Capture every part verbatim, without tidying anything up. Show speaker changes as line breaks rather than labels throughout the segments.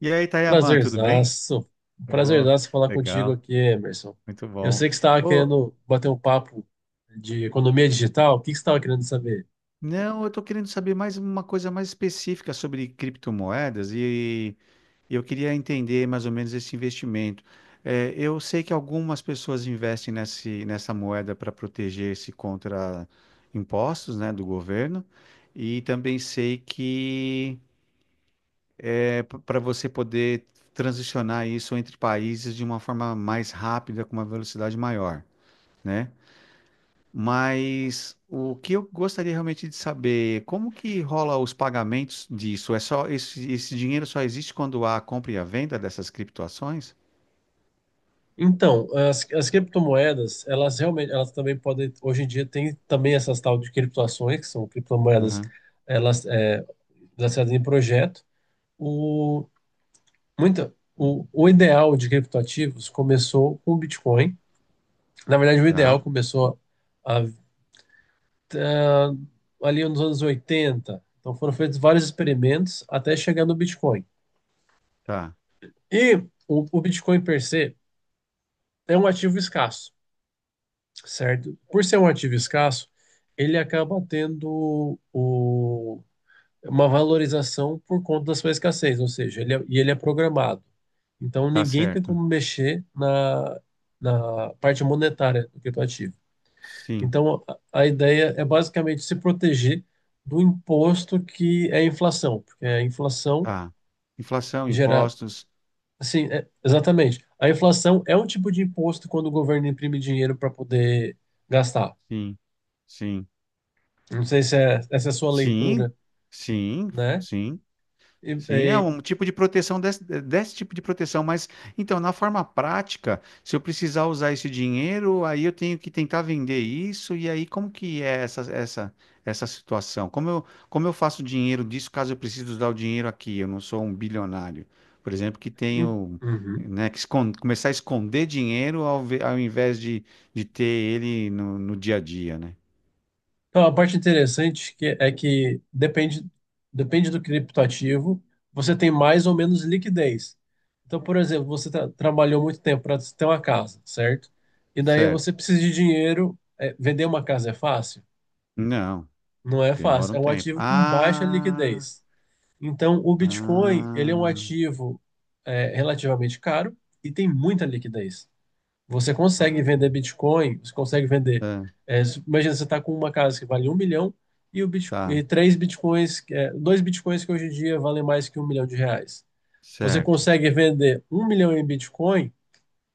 E aí, Tayaman, tudo bem?
Prazerzaço.
Oh,
Prazerzaço falar contigo
legal,
aqui, Emerson.
muito
Eu
bom.
sei que você estava
Oh,
querendo bater um papo de economia digital. O que que você estava querendo saber?
não, eu estou querendo saber mais uma coisa mais específica sobre criptomoedas e eu queria entender mais ou menos esse investimento. Eh, eu sei que algumas pessoas investem nesse, nessa moeda para proteger-se contra impostos, né, do governo, e também sei que para você poder transicionar isso entre países de uma forma mais rápida, com uma velocidade maior, né? Mas o que eu gostaria realmente de saber, como que rola os pagamentos disso? É só esse, esse dinheiro só existe quando há a compra e a venda dessas criptoações?
Então, as, as criptomoedas, elas realmente, elas também podem, hoje em dia tem também essas tal de criptoações, que são criptomoedas,
Aham.
elas é, lançadas em projeto. O, muita, o, o ideal de criptoativos começou com o Bitcoin. Na verdade, o ideal
Tá,
começou há ah, ali nos anos oitenta. Então foram feitos vários experimentos até chegar no Bitcoin.
tá,
E o, o Bitcoin per se é um ativo escasso, certo? Por ser um ativo escasso, ele acaba tendo o- uma valorização por conta da sua escassez, ou seja, ele é, e ele é programado. Então
tá
ninguém tem
certo.
como mexer na, na parte monetária do criptoativo.
Sim,
Então, a a ideia é basicamente se proteger do imposto que é a inflação, porque a inflação
tá. Inflação,
gera,
impostos,
assim, é- exatamente. A inflação é um tipo de imposto quando o governo imprime dinheiro para poder gastar.
sim, sim,
Não sei se é, essa é a sua
sim,
leitura,
sim,
né?
sim.
E,
Sim, é
e-
um tipo de proteção desse, desse tipo de proteção, mas então, na forma prática, se eu precisar usar esse dinheiro, aí eu tenho que tentar vender isso, e aí como que é essa, essa, essa situação? Como eu, como eu faço dinheiro disso caso eu precise usar o dinheiro aqui? Eu não sou um bilionário, por exemplo, que
em-
tenho,
Uhum.
né, que escon- começar a esconder dinheiro ao, ve- ao invés de, de ter ele no, no dia a dia, né?
Então, a parte interessante que é que depende, depende do criptoativo, você tem mais ou menos liquidez. Então, por exemplo, você tra- trabalhou muito tempo para ter uma casa, certo? E daí você
Certo?
precisa de dinheiro. É, vender uma casa é fácil?
Não,
Não é
demora
fácil.
um
É um
tempo.
ativo com baixa
Ah,
liquidez. Então, o Bitcoin, ele é um
ah.
ativo, é, relativamente caro e tem muita liquidez. Você consegue
Ah,
vender Bitcoin, você consegue vender.
tá,
é, Imagina, você está com uma casa que vale um milhão e, o Bitco-
tá,
e três Bitcoins, é, dois Bitcoins que hoje em dia valem mais que um milhão de reais. Você
certo.
consegue vender um milhão em Bitcoin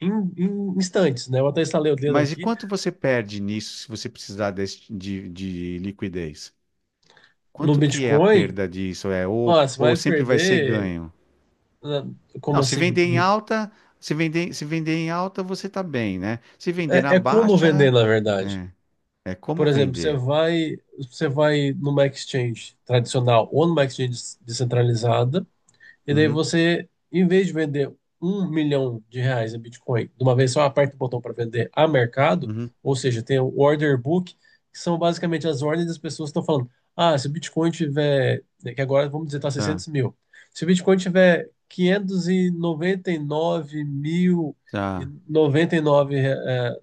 em, em instantes, né? Eu até estalei o dedo
Mas e
aqui.
quanto você perde nisso se você precisar desse- de, de liquidez?
No
Quanto que é a
Bitcoin,
perda disso? É,
ó,
ou,
você
ou
vai
sempre vai ser
perder.
ganho?
na- Como
Não, se
assim?
vender em alta, se vender, se vender em alta, você tá bem, né? Se vender na
É, é como vender,
baixa,
na verdade.
é, é
Por
como
exemplo, você
vender.
vai, você vai numa exchange tradicional ou numa exchange descentralizada. E daí
Uhum,
você, em vez de vender um milhão de reais em Bitcoin de uma vez só, aperta o botão para vender a mercado,
uhum,
ou seja, tem o order book, que são basicamente as ordens das pessoas que estão falando, ah, se o Bitcoin tiver, né, que agora vamos dizer está
tá,
seiscentos mil, se o Bitcoin tiver quinhentos e e noventa e nove mil e
tá,
é, noventa e nove, eh,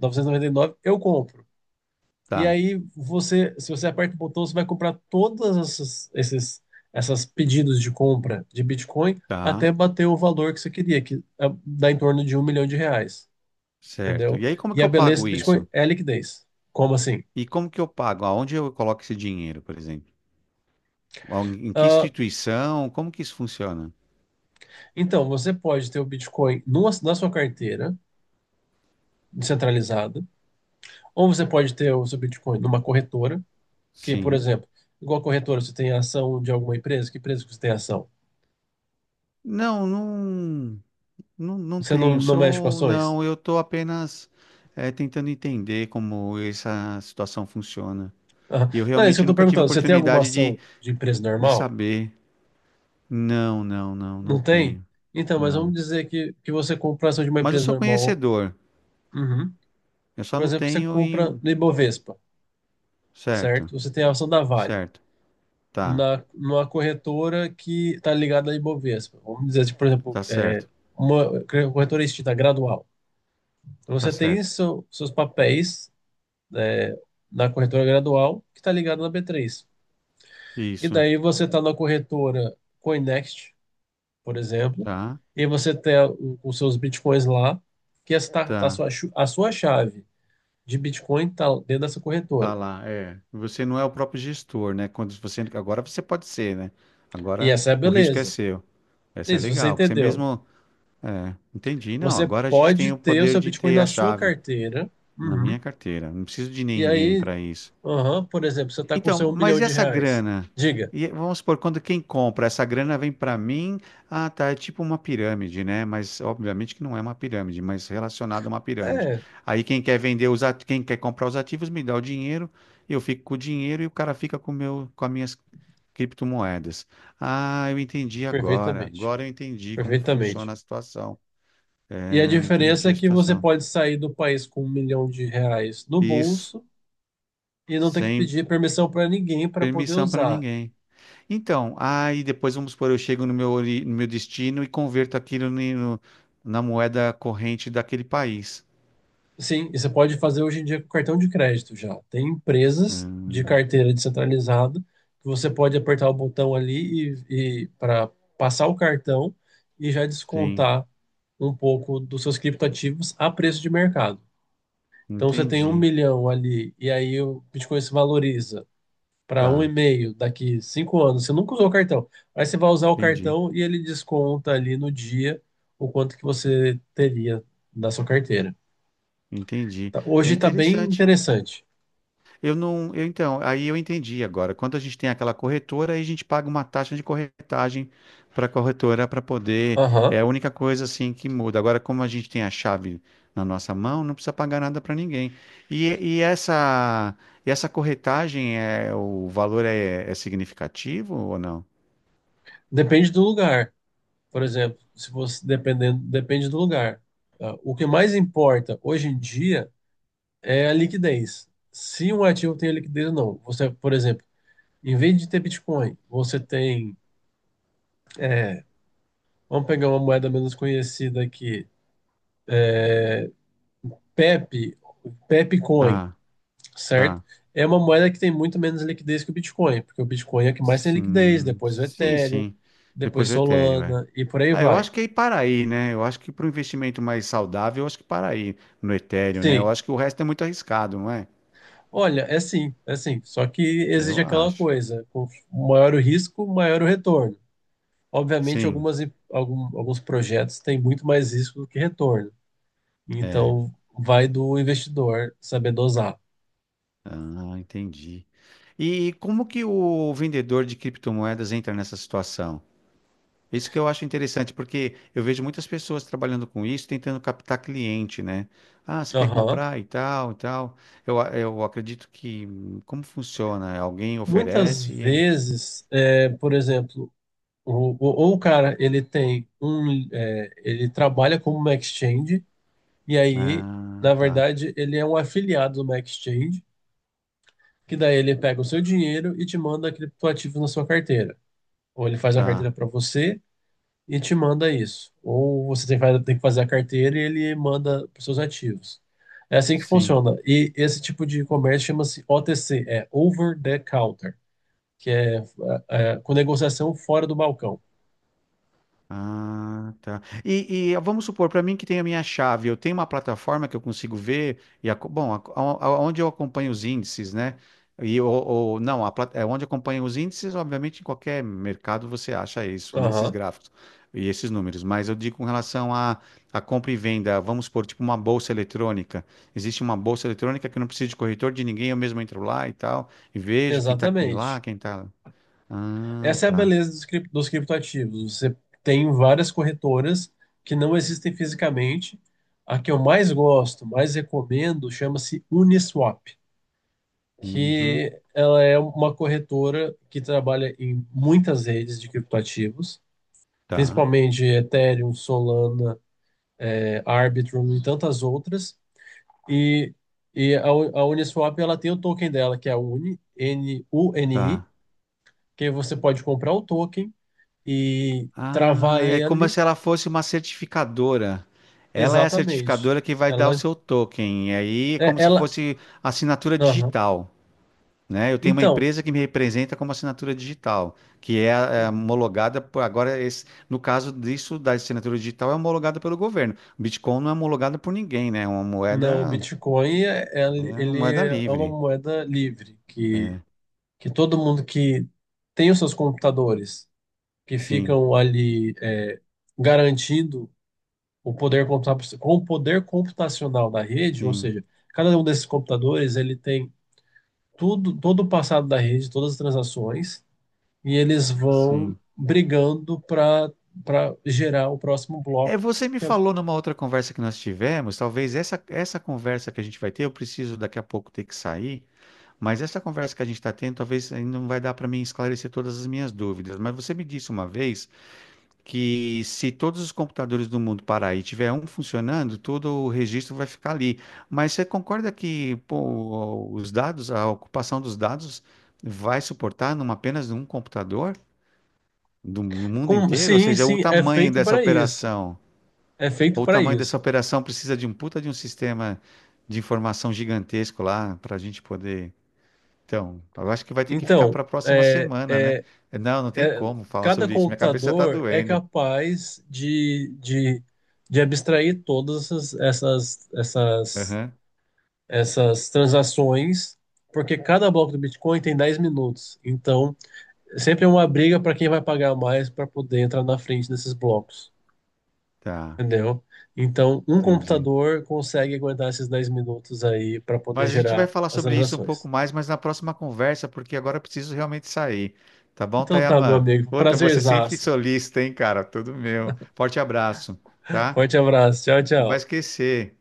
noventa e nove eu compro. E
tá,
aí você, se você aperta o botão, você vai comprar todas essas, esses, essas pedidos de compra de Bitcoin
tá,
até bater o valor que você queria, que é, dá em torno de um milhão de reais,
certo.
entendeu?
E aí como
E
que
a
eu
beleza
pago
do
isso?
Bitcoin é a liquidez. Como assim?
E como que eu pago? Aonde eu coloco esse dinheiro, por exemplo? Al- Em que
Ah,
instituição? Como que isso funciona?
então, você pode ter o Bitcoin numa- na sua carteira descentralizada, ou você pode ter o seu Bitcoin numa corretora, que, por
Sim.
exemplo, igual a corretora, você tem ação de alguma empresa, que empresa que você tem ação?
Não, não, não, não
Você não,
tenho.
não mexe com
Sou,
ações?
não, eu estou apenas eh, tentando entender como essa situação funciona.
Aham.
E eu
Não, é isso que eu
realmente
estou
nunca tive
perguntando. Você tem alguma
oportunidade
ação
de,
de empresa
de
normal?
saber. Não, não, não, não
Não tem?
tenho.
Então, mas vamos
Não.
dizer que, que você compra ação de uma
Mas eu
empresa
sou
normal.
conhecedor.
Uhum.
Eu só
Por
não
exemplo, você
tenho e.
compra no Ibovespa,
Certo,
certo? Você tem a ação da Vale,
certo. Tá,
na, numa corretora que está ligada à Ibovespa. Vamos dizer, tipo, por exemplo,
tá
é,
certo,
uma corretora extinta, Gradual. Então,
tá
você tem
certo.
seu- seus papéis, é, na corretora Gradual, que está ligada na B três. E
Isso.
daí você está na corretora Coinext, por exemplo,
Tá,
e você tem o- os seus bitcoins lá, que está a
tá.
sua, chu- a sua chave de bitcoin está dentro dessa
Tá
corretora.
lá, é. Você não é o próprio gestor, né? Quando você agora você pode ser, né?
E
Agora
essa é a
o risco é
beleza.
seu. Essa é
Isso, você
legal, que você
entendeu.
mesmo, é, entendi. Não,
Você
agora a gente tem
pode
o
ter o
poder
seu
de
bitcoin
ter a
na sua
chave
carteira,
na
Uhum.
minha carteira. Não preciso de
E
ninguém
aí,
para isso.
aham, por exemplo, você está com seu
Então,
um milhão
mas e
de
essa
reais.
grana?
Diga.
E, vamos supor, quando quem compra, essa grana vem para mim. Ah, tá, é tipo uma pirâmide, né? Mas obviamente que não é uma pirâmide, mas relacionada a uma pirâmide.
É,
Aí quem quer vender os ativos, quem quer comprar os ativos me dá o dinheiro, eu fico com o dinheiro e o cara fica com o meu, com as minhas criptomoedas. Ah, eu entendi agora.
perfeitamente.
Agora eu entendi como funciona
Perfeitamente.
a situação.
E a
Ah,
diferença
entendi
é
a
que você
situação.
pode sair do país com um milhão de reais no
Isso,
bolso e não ter que
sem
pedir permissão para ninguém para poder
permissão para
usar.
ninguém. Então, aí depois vamos supor, eu chego no meu, ori- no meu destino e converto aquilo ni- no- na moeda corrente daquele país.
Sim, e você pode fazer hoje em dia com cartão de crédito já. Tem empresas de
Hum,
carteira descentralizada que você pode apertar o botão ali e, e para passar o cartão e já
sim,
descontar um pouco dos seus criptoativos a preço de mercado. Então você tem um
entendi.
milhão ali e aí o Bitcoin se valoriza para um e
Tá,
meio daqui cinco anos. Você nunca usou o cartão. Aí você vai usar o
entendi,
cartão e ele desconta ali no dia o quanto que você teria da sua carteira.
entendi.
Tá-
É
Hoje está bem
interessante.
interessante.
Eu não, eu então, aí eu entendi agora. Quando a gente tem aquela corretora, aí a gente paga uma taxa de corretagem para a corretora para poder.
Aham.
É a única coisa assim que muda. Agora, como a gente tem a chave na nossa mão, não precisa pagar nada para ninguém. E, e essa, e essa corretagem é o valor é, é significativo ou não?
Depende do lugar. Por exemplo, se você dependendo, depende do lugar. Ah, o que mais importa hoje em dia é a liquidez. Se um ativo tem liquidez ou não. Você, por exemplo, em vez de ter Bitcoin, você tem, é, vamos pegar uma moeda menos conhecida aqui, Pepe, Pepe Coin,
Tá,
certo?
tá.
É uma moeda que tem muito menos liquidez que o Bitcoin, porque o Bitcoin é o que mais tem liquidez,
Sim,
depois o
sim,
Ethereum,
sim. Depois
depois
o etéreo, é.
Solana e por aí
Ah, eu
vai.
acho que é ir para aí, né? Eu acho que para um investimento mais saudável, eu acho que para aí no Ethereum, né? Eu
Sim.
acho que o resto é muito arriscado, não é?
Olha, é sim, é sim. Só que exige
Eu
aquela
acho.
coisa, com maior o risco, maior o retorno. Obviamente,
Sim,
algumas, im- algum- alguns projetos têm muito mais risco do que retorno.
é.
Então, vai do investidor saber dosar.
Ah, entendi. E como que o vendedor de criptomoedas entra nessa situação? Isso que eu acho interessante, porque eu vejo muitas pessoas trabalhando com isso, tentando captar cliente, né? Ah, você quer
Aham.
comprar e tal, e tal. Eu, a- eu acredito que hum, como funciona? Alguém
Muitas
oferece? E- é.
vezes, é, por exemplo, o- o- ou o cara ele tem um, é, ele trabalha como uma exchange e aí,
Ah,
na
tá,
verdade, ele é um afiliado de uma exchange que daí ele pega o seu dinheiro e te manda criptoativos na sua carteira. Ou ele faz uma carteira
tá.
para você e te manda isso. Ou você tem que fa- tem que fazer a carteira e ele manda para seus ativos. É assim que
Sim.
funciona. E esse tipo de comércio chama-se O T C, é Over the Counter, que é, é, é com negociação fora do balcão.
Ah, tá. E, e vamos supor, para mim que tem a minha chave, eu tenho uma plataforma que eu consigo ver, e a, bom, a, a- a- onde eu acompanho os índices, né? E o- ou, não, a, plat- é onde acompanho os índices, obviamente, em qualquer mercado você acha isso, né? Esses
Aham,
gráficos e esses números. Mas eu digo com relação a, a compra e venda, vamos supor, tipo uma bolsa eletrônica. Existe uma bolsa eletrônica que eu não preciso de corretor de ninguém, eu mesmo entro lá e tal, e vejo quem tá aqui lá,
exatamente.
quem tá. Ah,
Essa é a
tá.
beleza dos, crip- dos criptoativos. Você tem várias corretoras que não existem fisicamente. A que eu mais gosto, mais recomendo, chama-se Uniswap,
Uhum,
que ela é uma corretora que trabalha em muitas redes de criptoativos,
tá,
principalmente Ethereum, Solana, eh, Arbitrum e tantas outras. E, e a, U- a Uniswap ela tem o token dela, que é a U N I, N U N I,
tá.
que você pode comprar o token e travar
Ah, é como
ele
se ela fosse uma certificadora. Ela é a
exatamente.
certificadora que vai dar o
Ela,
seu token. E aí é
é-
como se
ela,
fosse assinatura
aham.
digital, né? Eu tenho uma
Então,
empresa que me representa como assinatura digital, que é, é, homologada por agora esse- no caso disso da assinatura digital é homologada pelo governo. O Bitcoin não é homologado por ninguém, né? É uma
não, o
moeda,
Bitcoin é,
é
ele
uma
ele
moeda
é uma
livre.
moeda livre que
É,
que todo mundo que tem os seus computadores que
sim,
ficam ali é, garantindo o poder computa- com o poder computacional da rede, ou
sim,
seja, cada um desses computadores ele tem tudo, todo o passado da rede, todas as transações e eles vão
sim.
brigando para para gerar o próximo
É,
bloco.
você me
Que é-
falou numa outra conversa que nós tivemos, talvez essa, essa conversa que a gente vai ter, eu preciso daqui a pouco ter que sair, mas essa conversa que a gente está tendo, talvez ainda não vai dar para mim esclarecer todas as minhas dúvidas. Mas você me disse uma vez que se todos os computadores do mundo parar e tiver um funcionando, todo o registro vai ficar ali. Mas você concorda que, pô, os dados, a ocupação dos dados vai suportar numa apenas um computador do, no mundo
com-
inteiro? Ou
sim,
seja, o
sim, é
tamanho
feito
dessa
para isso.
operação?
É feito
Ou o
para
tamanho dessa
isso.
operação precisa de um puta de um sistema de informação gigantesco lá para a gente poder. Então, eu acho que vai ter que ficar
Então,
para a próxima
é,
semana, né?
é,
Não, não tem
é-
como falar
cada
sobre isso. Minha cabeça está
computador é
doendo.
capaz de, de, de abstrair todas essas, essas, essas,
Aham,
essas transações, porque cada bloco do Bitcoin tem dez minutos. Então, sempre é uma briga para quem vai pagar mais para poder entrar na frente desses blocos.
tá,
Entendeu? Então, um
entendi.
computador consegue aguentar esses dez minutos aí para poder
Mas a gente vai
gerar
falar
as
sobre isso um pouco
transações.
mais, mas na próxima conversa, porque agora eu preciso realmente sair. Tá bom,
Então tá, meu
Tayaman?
amigo.
Outra, você sempre
Prazerzaço.
solista, hein, cara? Tudo meu. Forte abraço, tá?
Forte abraço. Tchau,
Não vai
tchau.
esquecer.